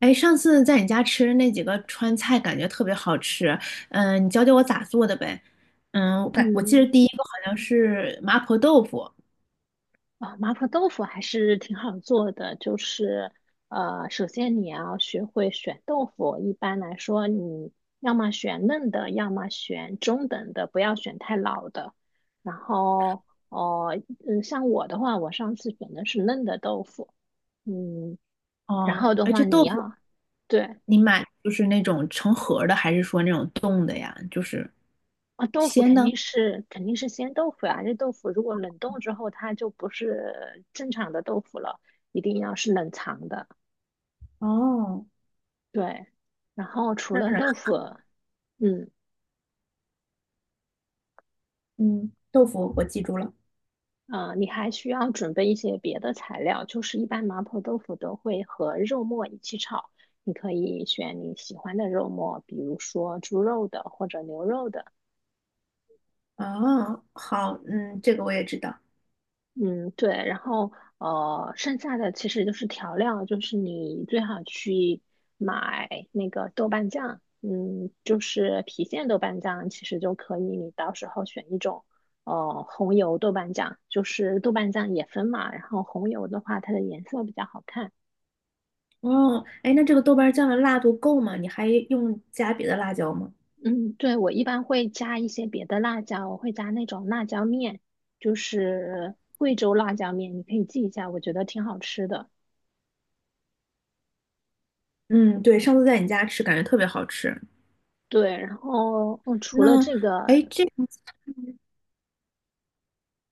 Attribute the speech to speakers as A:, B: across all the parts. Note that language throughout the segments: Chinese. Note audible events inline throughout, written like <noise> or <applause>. A: 哎，上次在你家吃的那几个川菜，感觉特别好吃。嗯，你教教我咋做的呗？嗯，我记
B: 嗯，
A: 得第一个好像是麻婆豆腐。
B: 麻婆豆腐还是挺好做的，就是首先你要学会选豆腐。一般来说，你要么选嫩的，要么选中等的，不要选太老的。然后，哦，像我的话，我上次选的是嫩的豆腐。嗯，然
A: 哦，
B: 后的
A: 哎，
B: 话，
A: 这
B: 你
A: 豆腐
B: 要对
A: 你买就是那种成盒儿的，还是说那种冻的呀？就是
B: 啊，豆腐
A: 鲜
B: 肯
A: 的？
B: 定是肯定是鲜豆腐呀、这豆腐如果冷冻之后，它就不是正常的豆腐了，一定要是冷藏的。
A: 哦，
B: 对，然后除了
A: 那
B: 豆腐，嗯，
A: 嗯，豆腐我记住了。
B: 你还需要准备一些别的材料，就是一般麻婆豆腐都会和肉末一起炒，你可以选你喜欢的肉末，比如说猪肉的或者牛肉的，
A: 哦，好，嗯，这个我也知道。
B: 嗯，对，然后剩下的其实就是调料，就是你最好去买那个豆瓣酱，就是郫县豆瓣酱，其实就可以，你到时候选一种红油豆瓣酱，就是豆瓣酱也分嘛，然后红油的话，它的颜色比较好看。
A: 哦，哎，那这个豆瓣酱的辣度够吗？你还用加别的辣椒吗？
B: 嗯，对，我一般会加一些别的辣椒，我会加那种辣椒面，就是贵州辣椒面，你可以记一下，我觉得挺好吃的。
A: 嗯，对，上次在你家吃，感觉特别好吃。
B: 对，然后除了
A: 那
B: 这
A: 哎，
B: 个，
A: 诶这样子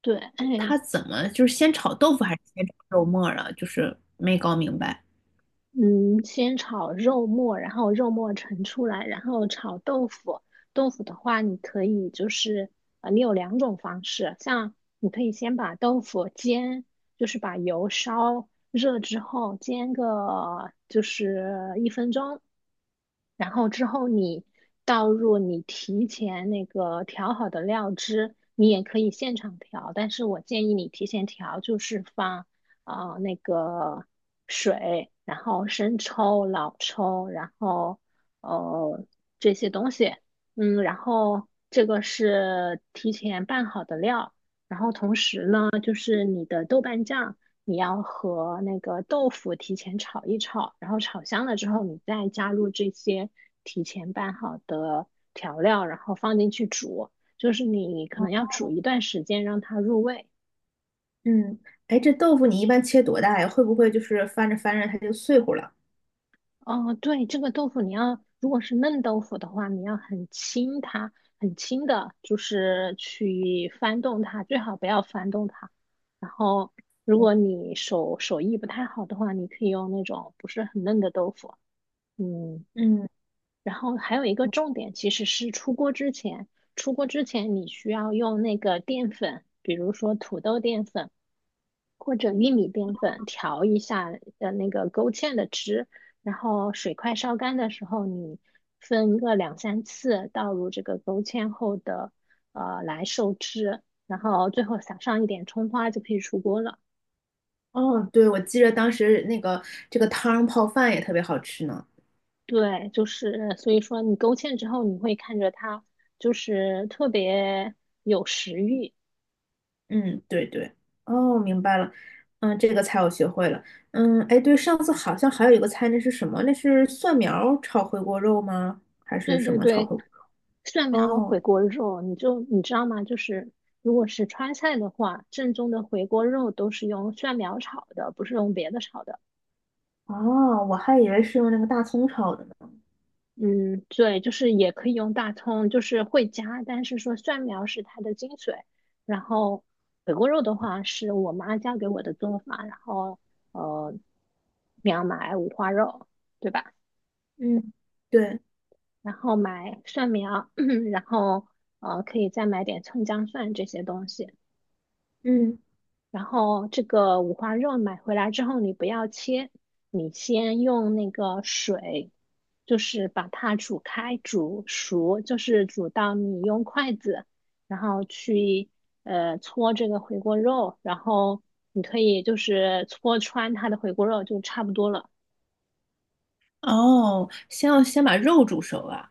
B: 对，哎，
A: 它怎么就是先炒豆腐还是先炒肉末儿了？就是没搞明白。
B: 嗯，先炒肉末，然后肉末盛出来，然后炒豆腐。豆腐的话，你可以就是你有两种方式，像你可以先把豆腐煎，就是把油烧热之后煎个就是一分钟，然后之后你倒入你提前那个调好的料汁，你也可以现场调，但是我建议你提前调，就是放那个水，然后生抽、老抽，然后呃这些东西，然后这个是提前拌好的料，然后同时呢，就是你的豆瓣酱，你要和那个豆腐提前炒一炒，然后炒香了之后，你再加入这些提前拌好的调料，然后放进去煮。就是你可能要
A: 哦
B: 煮一段时间让它入味。
A: 嗯，哎，这豆腐你一般切多大呀？会不会就是翻着翻着它就碎乎了？
B: 哦，对，这个豆腐你要，如果是嫩豆腐的话，你要很轻它，很轻的，就是去翻动它，最好不要翻动它。然后，如果
A: <laughs>
B: 你手艺不太好的话，你可以用那种不是很嫩的豆腐。嗯，
A: 嗯，
B: 然后还有一个重点其实是出锅之前，出锅之前你需要用那个淀粉，比如说土豆淀粉。或者玉米淀粉调一下那个勾芡的汁，然后水快烧干的时候，你分个2、3次倒入这个勾芡后的来收汁，然后最后撒上一点葱花就可以出锅了。
A: 哦，对，我记着当时那个这个汤泡饭也特别好吃呢。
B: 对，就是所以说你勾芡之后，你会看着它就是特别有食欲。
A: 嗯，对对，哦，明白了。嗯，这个菜我学会了。嗯，哎，对，上次好像还有一个菜，那是什么？那是蒜苗炒回锅肉吗？还是
B: 对
A: 什
B: 对
A: 么炒
B: 对，
A: 回锅？
B: 蒜苗
A: 哦，
B: 回锅肉，你知道吗？就是如果是川菜的话，正宗的回锅肉都是用蒜苗炒的，不是用别的炒的。
A: 哦，我还以为是用那个大葱炒的呢。
B: 嗯，对，就是也可以用大葱，就是会加，但是说蒜苗是它的精髓。然后回锅肉的话，是我妈教给我的做法，然后呃，你要买五花肉，对吧？
A: 嗯，对，
B: 然后买蒜苗，<clears throat> 然后可以再买点葱姜蒜这些东西。
A: 嗯
B: 然后这个五花肉买回来之后，你不要切，你先用那个水，就是把它煮开、煮熟，就是煮到你用筷子，然后去搓这个回锅肉，然后你可以就是搓穿它的回锅肉就差不多了。
A: 哦，先要先把肉煮熟啊。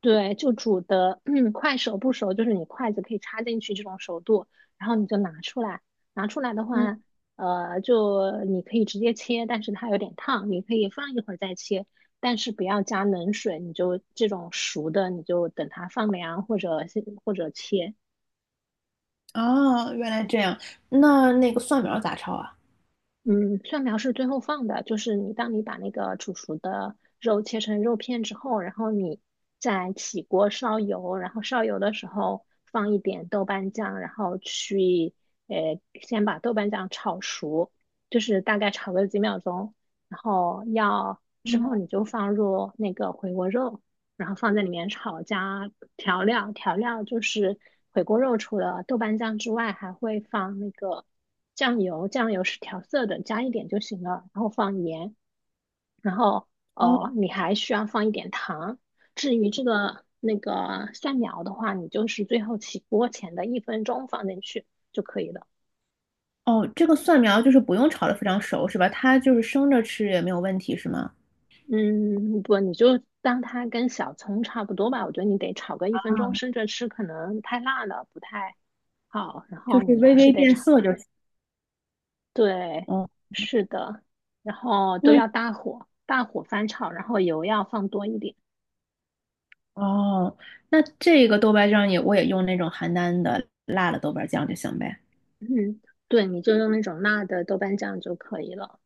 B: 对，就煮的，快熟不熟，就是你筷子可以插进去这种熟度，然后你就拿出来。拿出来的
A: 嗯，
B: 话，就你可以直接切，但是它有点烫，你可以放一会儿再切，但是不要加冷水，你就这种熟的，你就等它放凉或者切。
A: 哦，原来这样。那那个蒜苗咋炒啊？
B: 嗯，蒜苗是最后放的，就是你当你把那个煮熟的肉切成肉片之后，然后你再起锅烧油，然后烧油的时候放一点豆瓣酱，然后去先把豆瓣酱炒熟，就是大概炒个几秒钟，然后要之后
A: 嗯
B: 你就放入那个回锅肉，然后放在里面炒加调料，调料就是回锅肉除了豆瓣酱之外，还会放那个。酱油，酱油是调色的，加一点就行了。然后放盐，然后
A: 哦
B: 哦，你还需要放一点糖。至于这个那个蒜苗的话，你就是最后起锅前的一分钟放进去就可以了。
A: 哦，这个蒜苗就是不用炒的，非常熟是吧？它就是生着吃也没有问题是吗？
B: 嗯，不，你就当它跟小葱差不多吧。我觉得你得炒个一分
A: 啊，
B: 钟，生着吃可能太辣了，不太好。然
A: 就
B: 后
A: 是
B: 你
A: 微
B: 还是
A: 微
B: 得
A: 变
B: 炒。
A: 色就行。
B: 对，
A: 哦，
B: 是的，然后都
A: 那
B: 要大火，大火翻炒，然后油要放多一点。
A: 哦，那这个豆瓣酱我也用那种邯郸的辣的豆瓣酱就行呗。
B: 嗯，对，你就用那种辣的豆瓣酱就可以了。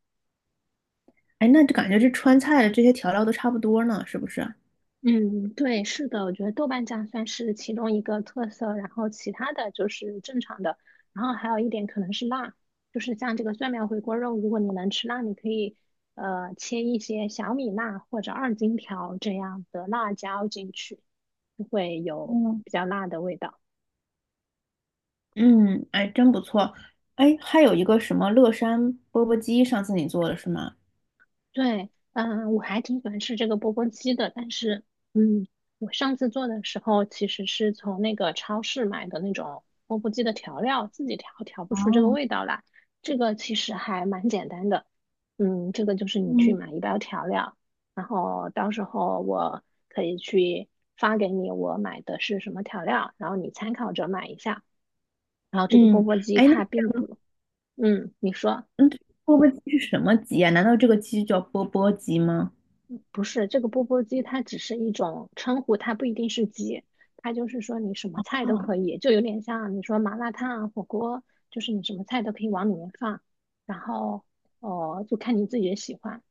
A: 哎，那就感觉这川菜的这些调料都差不多呢，是不是？
B: 嗯，对，是的，我觉得豆瓣酱算是其中一个特色，然后其他的就是正常的，然后还有一点可能是辣，就是像这个蒜苗回锅肉，如果你能吃辣，你可以切一些小米辣或者二荆条这样的辣椒进去，就会有
A: 嗯。
B: 比较辣的味道。
A: 嗯，哎，真不错。哎，还有一个什么乐山钵钵鸡，上次你做的是吗？
B: 对，嗯，我还挺喜欢吃这个钵钵鸡的，但是，嗯，我上次做的时候其实是从那个超市买的那种钵钵鸡的调料，自己调调不出这个
A: 哦，
B: 味道来。这个其实还蛮简单的，这个就是你去
A: 嗯，
B: 买一包调料，然后到时候我可以去发给你我买的是什么调料，然后你参考着买一下。然后这个钵
A: 嗯，
B: 钵鸡
A: 哎，那
B: 它并不，嗯，你说。
A: 嗯，钵钵鸡是什么鸡啊？难道这个鸡就叫钵钵鸡吗？
B: 不是，这个钵钵鸡它只是一种称呼，它不一定是鸡，它就是说你什么菜都
A: 哦，
B: 可以，就有点像你说麻辣烫啊、火锅，就是你什么菜都可以往里面放，然后哦，就看你自己的喜欢。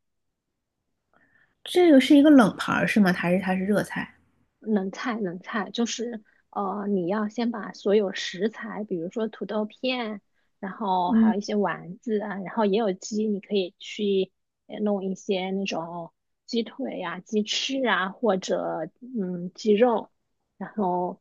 A: 这个是一个冷盘儿是吗？还是它是热菜？
B: 冷菜，冷菜就是你要先把所有食材，比如说土豆片，然后还
A: 嗯，
B: 有一些丸子啊，然后也有鸡，你可以去弄一些那种鸡腿呀、鸡翅啊，或者鸡肉，然后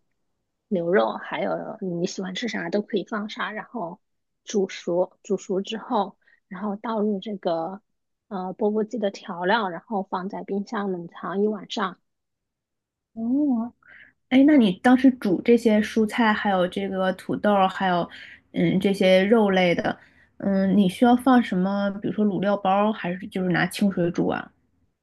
B: 牛肉，还有你喜欢吃啥都可以放啥，然后煮熟，煮熟之后，然后倒入这个钵钵鸡的调料，然后放在冰箱冷藏1晚上。
A: 哦，哎，那你当时煮这些蔬菜，还有这个土豆儿，还有嗯这些肉类的，嗯，你需要放什么？比如说卤料包儿，还是就是拿清水煮啊？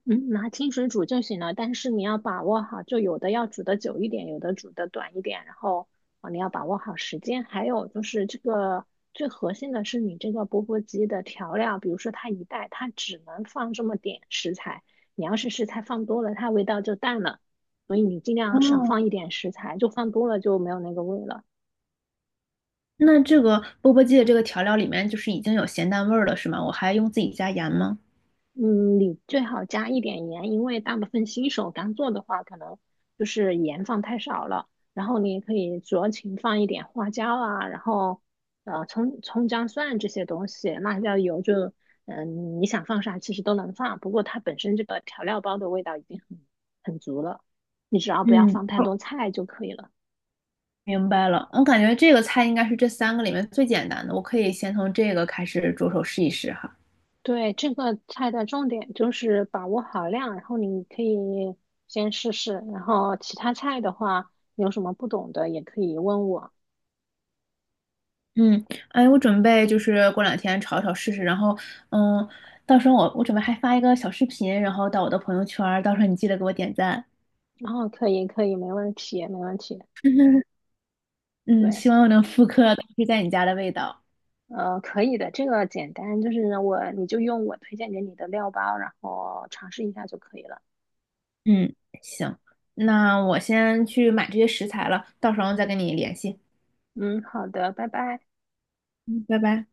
B: 嗯，拿清水煮就行了，但是你要把握好，就有的要煮的久一点，有的煮的短一点，然后你要把握好时间。还有就是这个最核心的是你这个钵钵鸡的调料，比如说它一袋它只能放这么点食材，你要是食材放多了，它味道就淡了，所以你尽
A: 哦。
B: 量少放一点食材，就放多了就没有那个味了。
A: 那这个钵钵鸡的这个调料里面就是已经有咸淡味儿了，是吗？我还用自己加盐吗？
B: 嗯，你最好加一点盐，因为大部分新手刚做的话，可能就是盐放太少了。然后你也可以酌情放一点花椒啊，然后葱姜蒜这些东西，辣椒油就你想放啥其实都能放，不过它本身这个调料包的味道已经很足了，你只要不要
A: 嗯，
B: 放太多菜就可以了。
A: 明白了。我感觉这个菜应该是这三个里面最简单的，我可以先从这个开始着手试一试哈。
B: 对，这个菜的重点就是把握好量，然后你可以先试试，然后其他菜的话，你有什么不懂的也可以问我。
A: 嗯，哎，我准备就是过两天炒一炒试试，然后嗯，到时候我准备还发一个小视频，然后到我的朋友圈儿，到时候你记得给我点赞。
B: 然后可以，可以，没问题，没问题。
A: <laughs> 嗯，
B: 对，
A: 希望我能复刻当时在你家的味道。
B: 可以的，这个简单，就是我，你就用我推荐给你的料包，然后尝试一下就可以了。
A: 嗯，行，那我先去买这些食材了，到时候再跟你联系。
B: 嗯，好的，拜拜。
A: 嗯，拜拜。